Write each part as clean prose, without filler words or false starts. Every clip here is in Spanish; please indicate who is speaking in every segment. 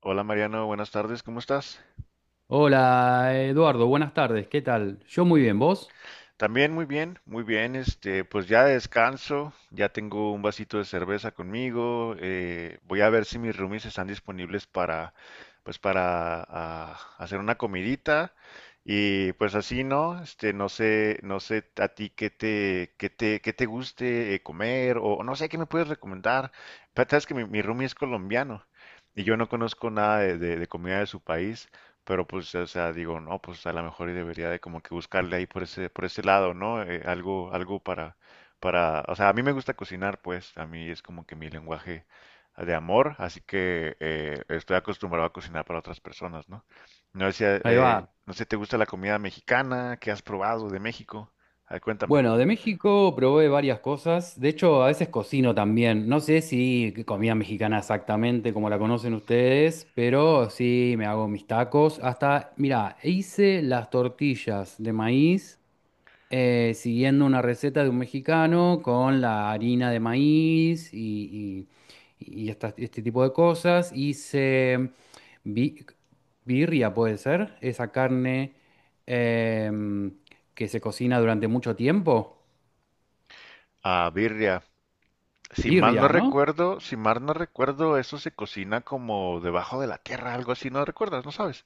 Speaker 1: Hola Mariano, buenas tardes, ¿cómo estás?
Speaker 2: Hola Eduardo, buenas tardes, ¿qué tal? Yo muy
Speaker 1: Mm.
Speaker 2: bien, ¿vos?
Speaker 1: También muy bien, pues ya descanso, ya tengo un vasito de cerveza conmigo, voy a ver si mis roomies están disponibles para, pues hacer una comidita y pues así, ¿no? No sé, no sé a ti qué te guste comer o no sé qué me puedes recomendar. Pero sabes que mi roomie es colombiano y yo no conozco nada de comida de su país. Pero pues, o sea, digo, no, pues a lo mejor y debería de como que buscarle ahí por ese lado, ¿no? Algo para, o sea, a mí me gusta cocinar, pues, a mí es como que mi lenguaje de amor, así que estoy acostumbrado a cocinar para otras personas, ¿no? No sé,
Speaker 2: Ahí va.
Speaker 1: no sé, ¿te gusta la comida mexicana? ¿Qué has probado de México? A ver, cuéntame.
Speaker 2: Bueno, de México probé varias cosas, de hecho a veces cocino también, no sé si comida mexicana exactamente como la conocen ustedes, pero sí me hago mis tacos, hasta, mira, hice las tortillas de maíz siguiendo una receta de un mexicano con la harina de maíz y este tipo de cosas. Hice bi- birria, puede ser, esa carne em, que se cocina durante mucho tiempo.
Speaker 1: Ah, birria. Si mal no
Speaker 2: Birria, ¿no?
Speaker 1: recuerdo, si mal no recuerdo, eso se cocina como debajo de la tierra, algo así, ¿no recuerdas? ¿No sabes?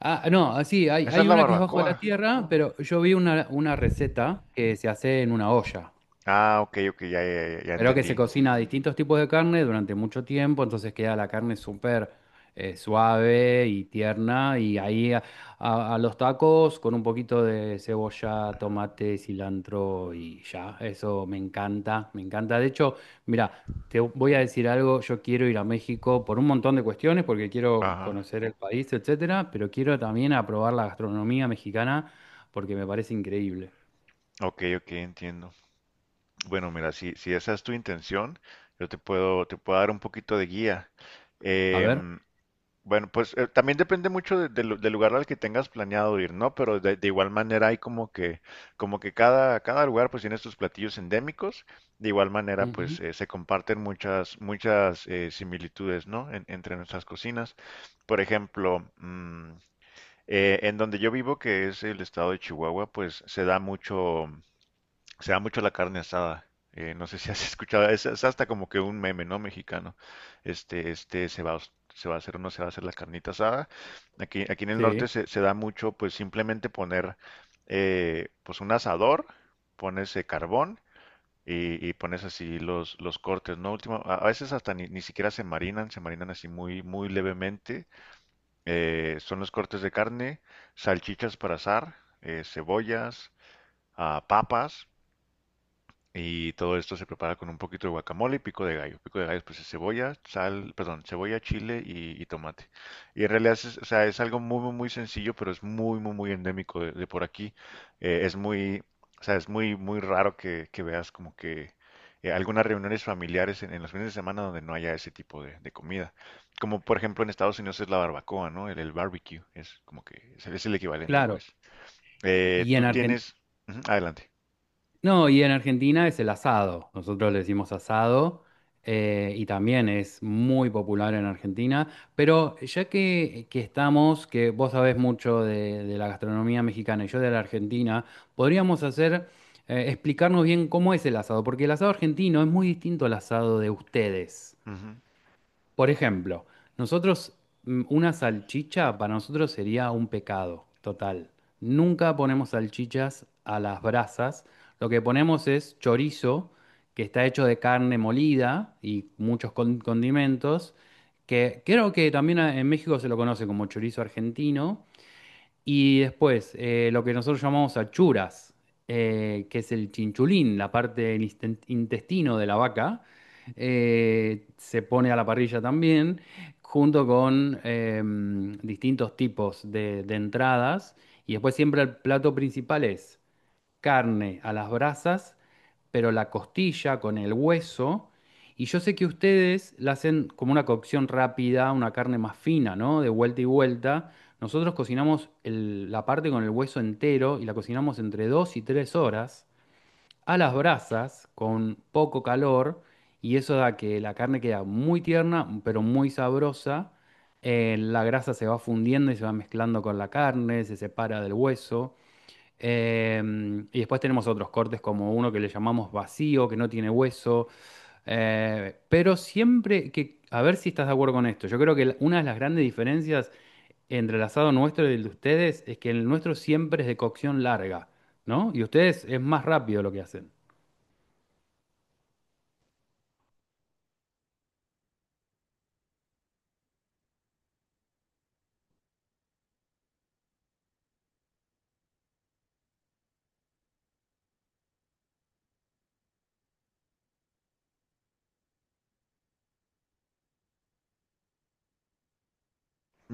Speaker 2: Ah, no, así,
Speaker 1: Esa es
Speaker 2: hay
Speaker 1: la
Speaker 2: una que es bajo la
Speaker 1: barbacoa.
Speaker 2: tierra, pero yo vi una receta que se hace en una olla.
Speaker 1: Ah, ok, ok, ya, ya, ya, ya
Speaker 2: Pero que se
Speaker 1: entendí.
Speaker 2: cocina distintos tipos de carne durante mucho tiempo, entonces queda la carne súper suave y tierna. Y a los tacos con un poquito de cebolla, tomate, cilantro y ya. Eso me encanta, me encanta. De hecho, mira, te voy a decir algo. Yo quiero ir a México por un montón de cuestiones, porque quiero
Speaker 1: Ajá,
Speaker 2: conocer el país, etcétera, pero quiero también a probar la gastronomía mexicana porque me parece increíble.
Speaker 1: ok, ok, entiendo. Bueno, mira, si esa es tu intención, yo te puedo dar un poquito de guía.
Speaker 2: A ver.
Speaker 1: Em, bueno, pues también depende mucho del lugar al que tengas planeado ir, ¿no? Pero de igual manera hay como que cada lugar pues tiene sus platillos endémicos. De igual manera
Speaker 2: Ujú.
Speaker 1: pues se comparten muchas similitudes, ¿no? Entre nuestras cocinas. Por ejemplo, en donde yo vivo, que es el estado de Chihuahua, pues se da mucho la carne asada. No sé si has escuchado, es hasta como que un meme, ¿no? Mexicano. Se va a hacer o no se va a hacer la carnita asada. Aquí en el norte
Speaker 2: Sí,
Speaker 1: se da mucho, pues simplemente poner, pues un asador, pones carbón y pones así los cortes, ¿no? Último, a veces hasta ni siquiera se marinan, así muy, muy levemente, son los cortes de carne, salchichas para asar, cebollas, papas, y todo esto se prepara con un poquito de guacamole y pico de gallo. Pico de gallo pues es cebolla, sal, perdón, cebolla, chile y tomate. Y en realidad es, o sea, es algo muy, muy, muy sencillo, pero es muy, muy, muy endémico de por aquí. Es muy, o sea, es muy, muy raro que veas como que algunas reuniones familiares en los fines de semana donde no haya ese tipo de comida. Como por ejemplo en Estados Unidos es la barbacoa, ¿no? El barbecue es como que es el equivalente,
Speaker 2: claro.
Speaker 1: pues.
Speaker 2: Y y
Speaker 1: Tú
Speaker 2: en Argentina.
Speaker 1: tienes... Ujú, adelante.
Speaker 2: No, y en Argentina es el asado. Nosotros le decimos asado y también es muy popular en Argentina. Pero ya que estamos, que vos sabés mucho de la gastronomía mexicana y yo de la Argentina, podríamos hacer, explicarnos bien cómo es el asado, porque el asado argentino es muy distinto al asado de ustedes.
Speaker 1: Ujú.
Speaker 2: Por ejemplo, nosotros, una salchicha para nosotros sería un pecado total. Nunca ponemos salchichas a las brasas. Lo que ponemos es chorizo, que está hecho de carne molida y muchos condimentos, que creo que también en México se lo conoce como chorizo argentino. Y después, lo que nosotros llamamos achuras, que es el chinchulín, la parte del intestino de la vaca, se pone a la parrilla también, junto con distintos tipos de entradas. Y después siempre el plato principal es carne a las brasas pero la costilla con el hueso. Y yo sé que ustedes la hacen como una cocción rápida, una carne más fina, ¿no? De vuelta y vuelta. Nosotros cocinamos la parte con el hueso entero y la cocinamos entre 2 y 3 horas a las brasas con poco calor y eso da que la carne queda muy tierna pero muy sabrosa. La grasa se va fundiendo y se va mezclando con la carne, se separa del hueso. Y después tenemos otros cortes como uno que le llamamos vacío, que no tiene hueso. Pero siempre que, a ver si estás de acuerdo con esto, yo creo que una de las grandes diferencias entre el asado nuestro y el de ustedes es que el nuestro siempre es de cocción larga, ¿no? Y ustedes es más rápido lo que hacen.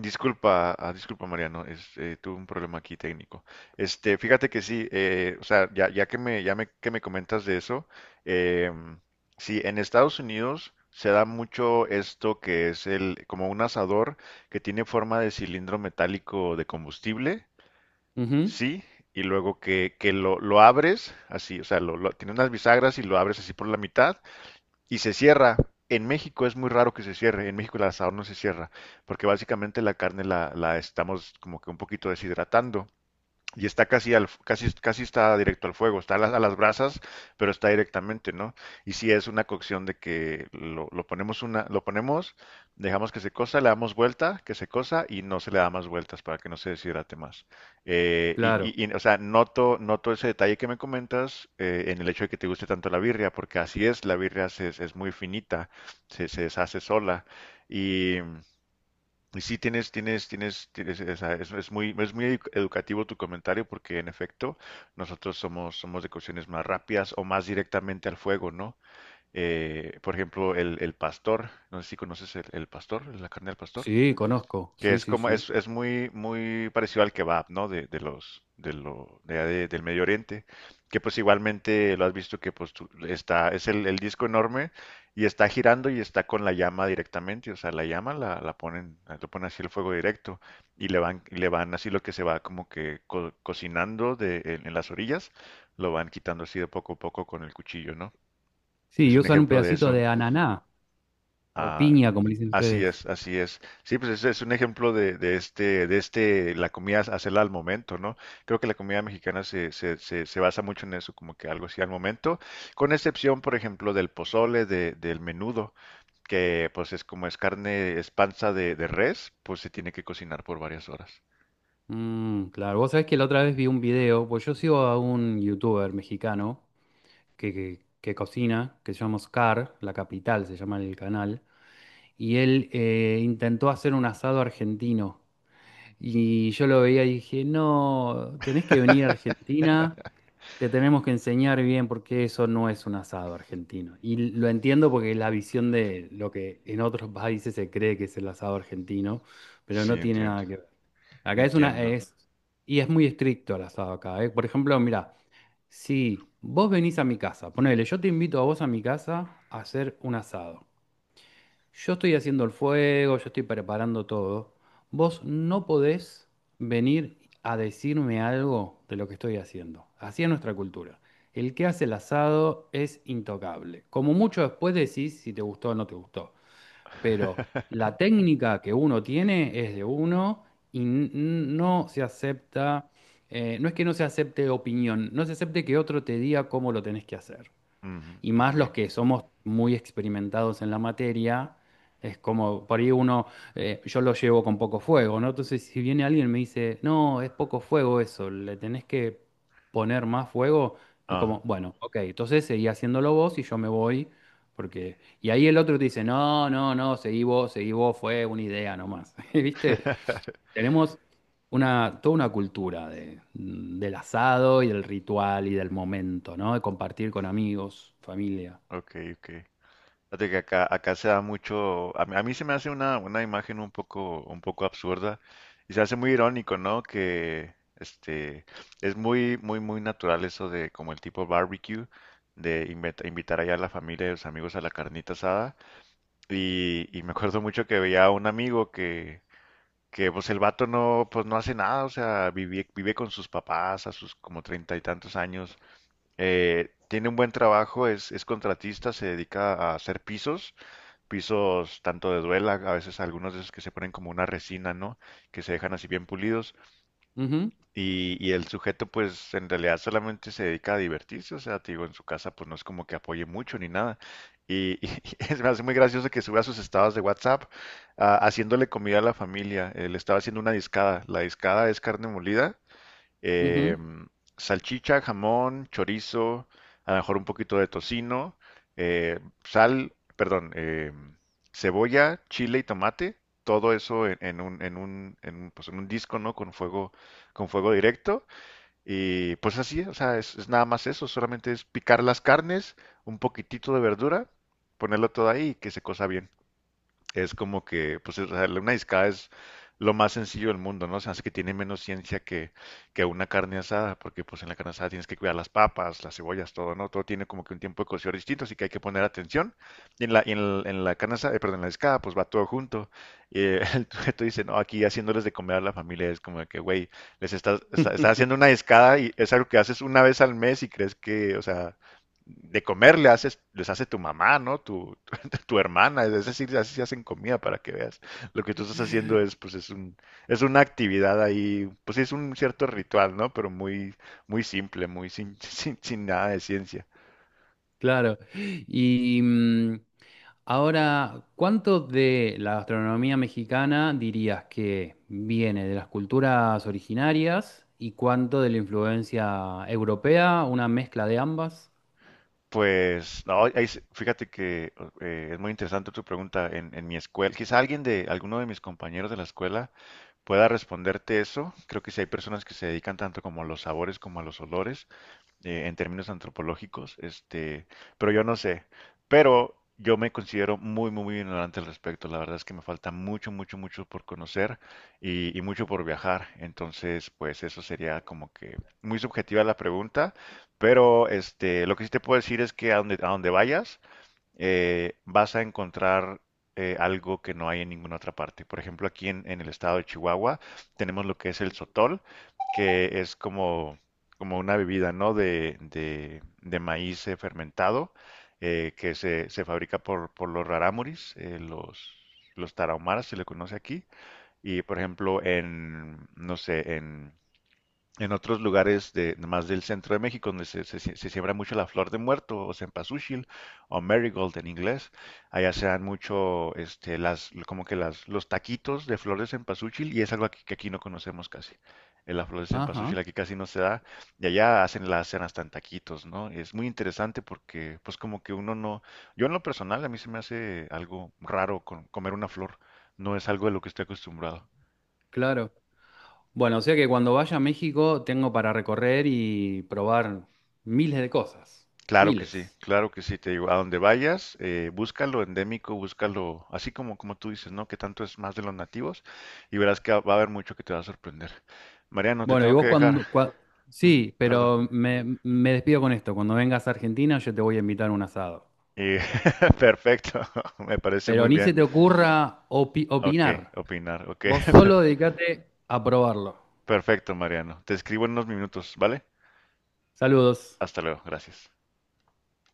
Speaker 1: Disculpa Mariano, tuve un problema aquí técnico. Fíjate que sí, o sea, ya que me comentas de eso, em, sí, en Estados Unidos se da mucho esto que es como un asador que tiene forma de cilindro metálico de combustible,
Speaker 2: Ujú.
Speaker 1: sí, y luego que lo abres así, o sea, tiene unas bisagras y lo abres así por la mitad y se cierra. En México es muy raro que se cierre. En México el asador no se cierra, porque básicamente la carne la estamos como que un poquito deshidratando y está casi está directo al fuego, está a las brasas, pero está directamente, ¿no? Y si es una cocción de que lo ponemos, dejamos que se cosa, le damos vuelta, que se cosa y no se le da más vueltas para que no se deshidrate más.
Speaker 2: Claro.
Speaker 1: O sea, noto ese detalle que me comentas en el hecho de que te guste tanto la birria, porque así es, la birria es muy finita, se deshace sola y y sí, tienes, o sea, es, es muy educativo tu comentario porque en efecto nosotros somos, de cuestiones más rápidas o más directamente al fuego, ¿no? Por ejemplo, el pastor, no sé si conoces el pastor, la carne del pastor.
Speaker 2: Sí, conozco.
Speaker 1: Que
Speaker 2: Sí,
Speaker 1: es
Speaker 2: sí,
Speaker 1: como,
Speaker 2: sí.
Speaker 1: es muy, muy parecido al kebab, ¿no? De los, de lo, de- del Medio Oriente, que pues igualmente lo has visto que pues es el disco enorme y está girando y está con la llama directamente, o sea, la llama la ponen, lo ponen así el fuego directo y le van así lo que se va como que cocinando en las orillas, lo van quitando así de poco a poco con el cuchillo, ¿no?
Speaker 2: Sí,
Speaker 1: Es
Speaker 2: y
Speaker 1: un
Speaker 2: usan un
Speaker 1: ejemplo de
Speaker 2: pedacito
Speaker 1: eso.
Speaker 2: de ananá o
Speaker 1: Ah,
Speaker 2: piña, como le dicen
Speaker 1: así
Speaker 2: ustedes.
Speaker 1: es, así es. Sí, pues ese es un ejemplo de la comida hacerla al momento, ¿no? Creo que la comida mexicana se basa mucho en eso, como que algo así al momento, con excepción, por ejemplo, del pozole, del menudo, que pues es carne, es panza de res, pues se tiene que cocinar por varias horas.
Speaker 2: Mm, claro, vos sabés que la otra vez vi un video, pues yo sigo a un youtuber mexicano que cocina, que se llama Oscar, La Capital se llama el canal, y él intentó hacer un asado argentino. Y yo lo veía y dije, no, tenés que venir a Argentina, te tenemos que enseñar bien porque eso no es un asado argentino. Y lo entiendo porque es la visión de lo que en otros países se cree que es el asado argentino, pero
Speaker 1: Sí,
Speaker 2: no tiene
Speaker 1: entiendo,
Speaker 2: nada que ver. Acá es
Speaker 1: entiendo.
Speaker 2: es, y es muy estricto el asado acá, ¿eh? Por ejemplo, mira, si vos venís a mi casa, ponele, yo te invito a vos a mi casa a hacer un asado. Yo estoy haciendo el fuego, yo estoy preparando todo. Vos no podés venir a decirme algo de lo que estoy haciendo. Así es nuestra cultura. El que hace el asado es intocable. Como mucho después decís si te gustó o no te gustó, pero la técnica que uno tiene es de uno y no se acepta, no es que no se acepte opinión, no se acepte que otro te diga cómo lo tenés que hacer
Speaker 1: Ujú,
Speaker 2: y más
Speaker 1: ok,
Speaker 2: los que somos muy experimentados en la materia, es como, por ahí uno, yo lo llevo con poco fuego, ¿no? Entonces, si viene alguien y me dice, no, es poco fuego eso, le tenés que poner más fuego, es como,
Speaker 1: ajá,
Speaker 2: bueno, ok, entonces seguí haciéndolo vos y yo me voy, porque... Y ahí el otro te dice, no, no, no, seguí vos, fue una idea nomás, ¿viste? Tenemos una, toda una cultura de, del asado y del ritual y del momento, ¿no? De compartir con amigos, familia.
Speaker 1: ok, ok. Fíjate que acá se da mucho, a mí se me hace una imagen un poco absurda y se hace muy irónico, ¿no? Que es muy, muy, muy natural eso de como el tipo barbecue, de invitar allá a la familia y los amigos a la carnita asada. Y me acuerdo mucho que veía a un amigo que pues el vato no, pues no hace nada, o sea, vive con sus papás a sus como treinta y tantos años. Tiene un buen trabajo, es contratista, se dedica a hacer pisos tanto de duela, a veces algunos de esos que se ponen como una resina, ¿no? Que se dejan así bien pulidos
Speaker 2: Ujú,
Speaker 1: y el sujeto pues en realidad solamente se dedica a divertirse, o sea, te digo, en su casa pues no es como que apoye mucho ni nada. Y me hace muy gracioso que suba sus estados de WhatsApp, haciéndole comida a la familia. Él estaba haciendo una discada. La discada es carne molida, eh,
Speaker 2: ujú.
Speaker 1: salchicha, jamón, chorizo, a lo mejor un poquito de tocino, sal, perdón, cebolla, chile y tomate, todo eso pues, en un disco, ¿no? Con fuego directo. Y pues así, o sea, es nada más eso, solamente es picar las carnes, un poquitito de verdura, ponerlo todo ahí y que se cosa bien, es como que, pues, una discada es lo más sencillo del mundo, ¿no? Se hace que tiene menos ciencia que una carne asada, porque pues en la carne asada tienes que cuidar las papas, las cebollas, todo, ¿no? Todo tiene como que un tiempo de cocción distinto, así que hay que poner atención. En la carne asada, perdón, en la discada, pues va todo junto. El sujeto dice, no, aquí haciéndoles de comer a la familia, es como de que, güey, les estás haciendo una discada y es algo que haces una vez al mes y crees que, o sea, de comer le haces, les hace tu mamá, ¿no? Tu hermana, es decir, así se hacen comida para que veas. Lo que tú estás haciendo es, pues, es una actividad ahí, pues sí, es un cierto ritual, ¿no? Pero muy, muy simple, muy sin, sin nada de ciencia.
Speaker 2: Claro. Y ahora, ¿cuánto de la gastronomía mexicana dirías que viene de las culturas originarias y cuánto de la influencia europea, una mezcla de ambas?
Speaker 1: Pues, no, ahí fíjate que es muy interesante tu pregunta en mi escuela. Quizá alguno de mis compañeros de la escuela pueda responderte eso. Creo que si hay personas que se dedican tanto como a los sabores como a los olores, en términos antropológicos, pero yo no sé, pero yo me considero muy, muy, muy ignorante al respecto, la verdad es que me falta mucho, mucho, mucho por conocer y mucho por viajar, entonces pues eso sería como que muy subjetiva la pregunta, pero este, lo que sí te puedo decir es que a donde vayas, vas a encontrar algo que no hay en ninguna otra parte. Por ejemplo, aquí en el estado de Chihuahua tenemos lo que es el sotol, que es como una bebida, ¿no? De maíz fermentado, que se fabrica por los rarámuris, los tarahumaras se le conoce aquí. Y por ejemplo, no sé, en otros lugares de, más del centro de México, donde se siembra mucho la flor de muerto, o cempasúchil, o marigold en inglés, allá se dan mucho, como que los taquitos de flor de cempasúchil, y es algo que aquí no conocemos casi. La flor de cempasúchil
Speaker 2: Ajá,
Speaker 1: aquí casi no se da, y allá hacen, la hacen hasta en taquitos, ¿no? Es muy interesante porque, pues como que uno no, yo en lo personal, a mí se me hace algo raro comer una flor, no es algo de lo que estoy acostumbrado.
Speaker 2: claro. Bueno, o sea que cuando vaya a México tengo para recorrer y probar miles de cosas, miles.
Speaker 1: Claro que sí, te digo, a donde vayas, búscalo endémico, búscalo así como, como tú dices, ¿no? Que tanto es más de los nativos y verás que va a haber mucho que te va a sorprender. Mariano, te
Speaker 2: Bueno, y
Speaker 1: tengo que
Speaker 2: vos Bueno,
Speaker 1: dejar.
Speaker 2: cuando... cua-
Speaker 1: Ujú,
Speaker 2: sí,
Speaker 1: perdón.
Speaker 2: pero me despido con esto. Cuando vengas a Argentina yo te voy a invitar a un asado.
Speaker 1: Y- perfecto, me parece
Speaker 2: Pero
Speaker 1: muy
Speaker 2: ni se
Speaker 1: bien.
Speaker 2: te ocurra
Speaker 1: Ok,
Speaker 2: opinar.
Speaker 1: opinar, ok,
Speaker 2: Vos
Speaker 1: per-
Speaker 2: solo dedicate a probarlo.
Speaker 1: perfecto, Mariano. Te escribo en unos minutos, ¿vale?
Speaker 2: Saludos.
Speaker 1: Hasta luego, gracias.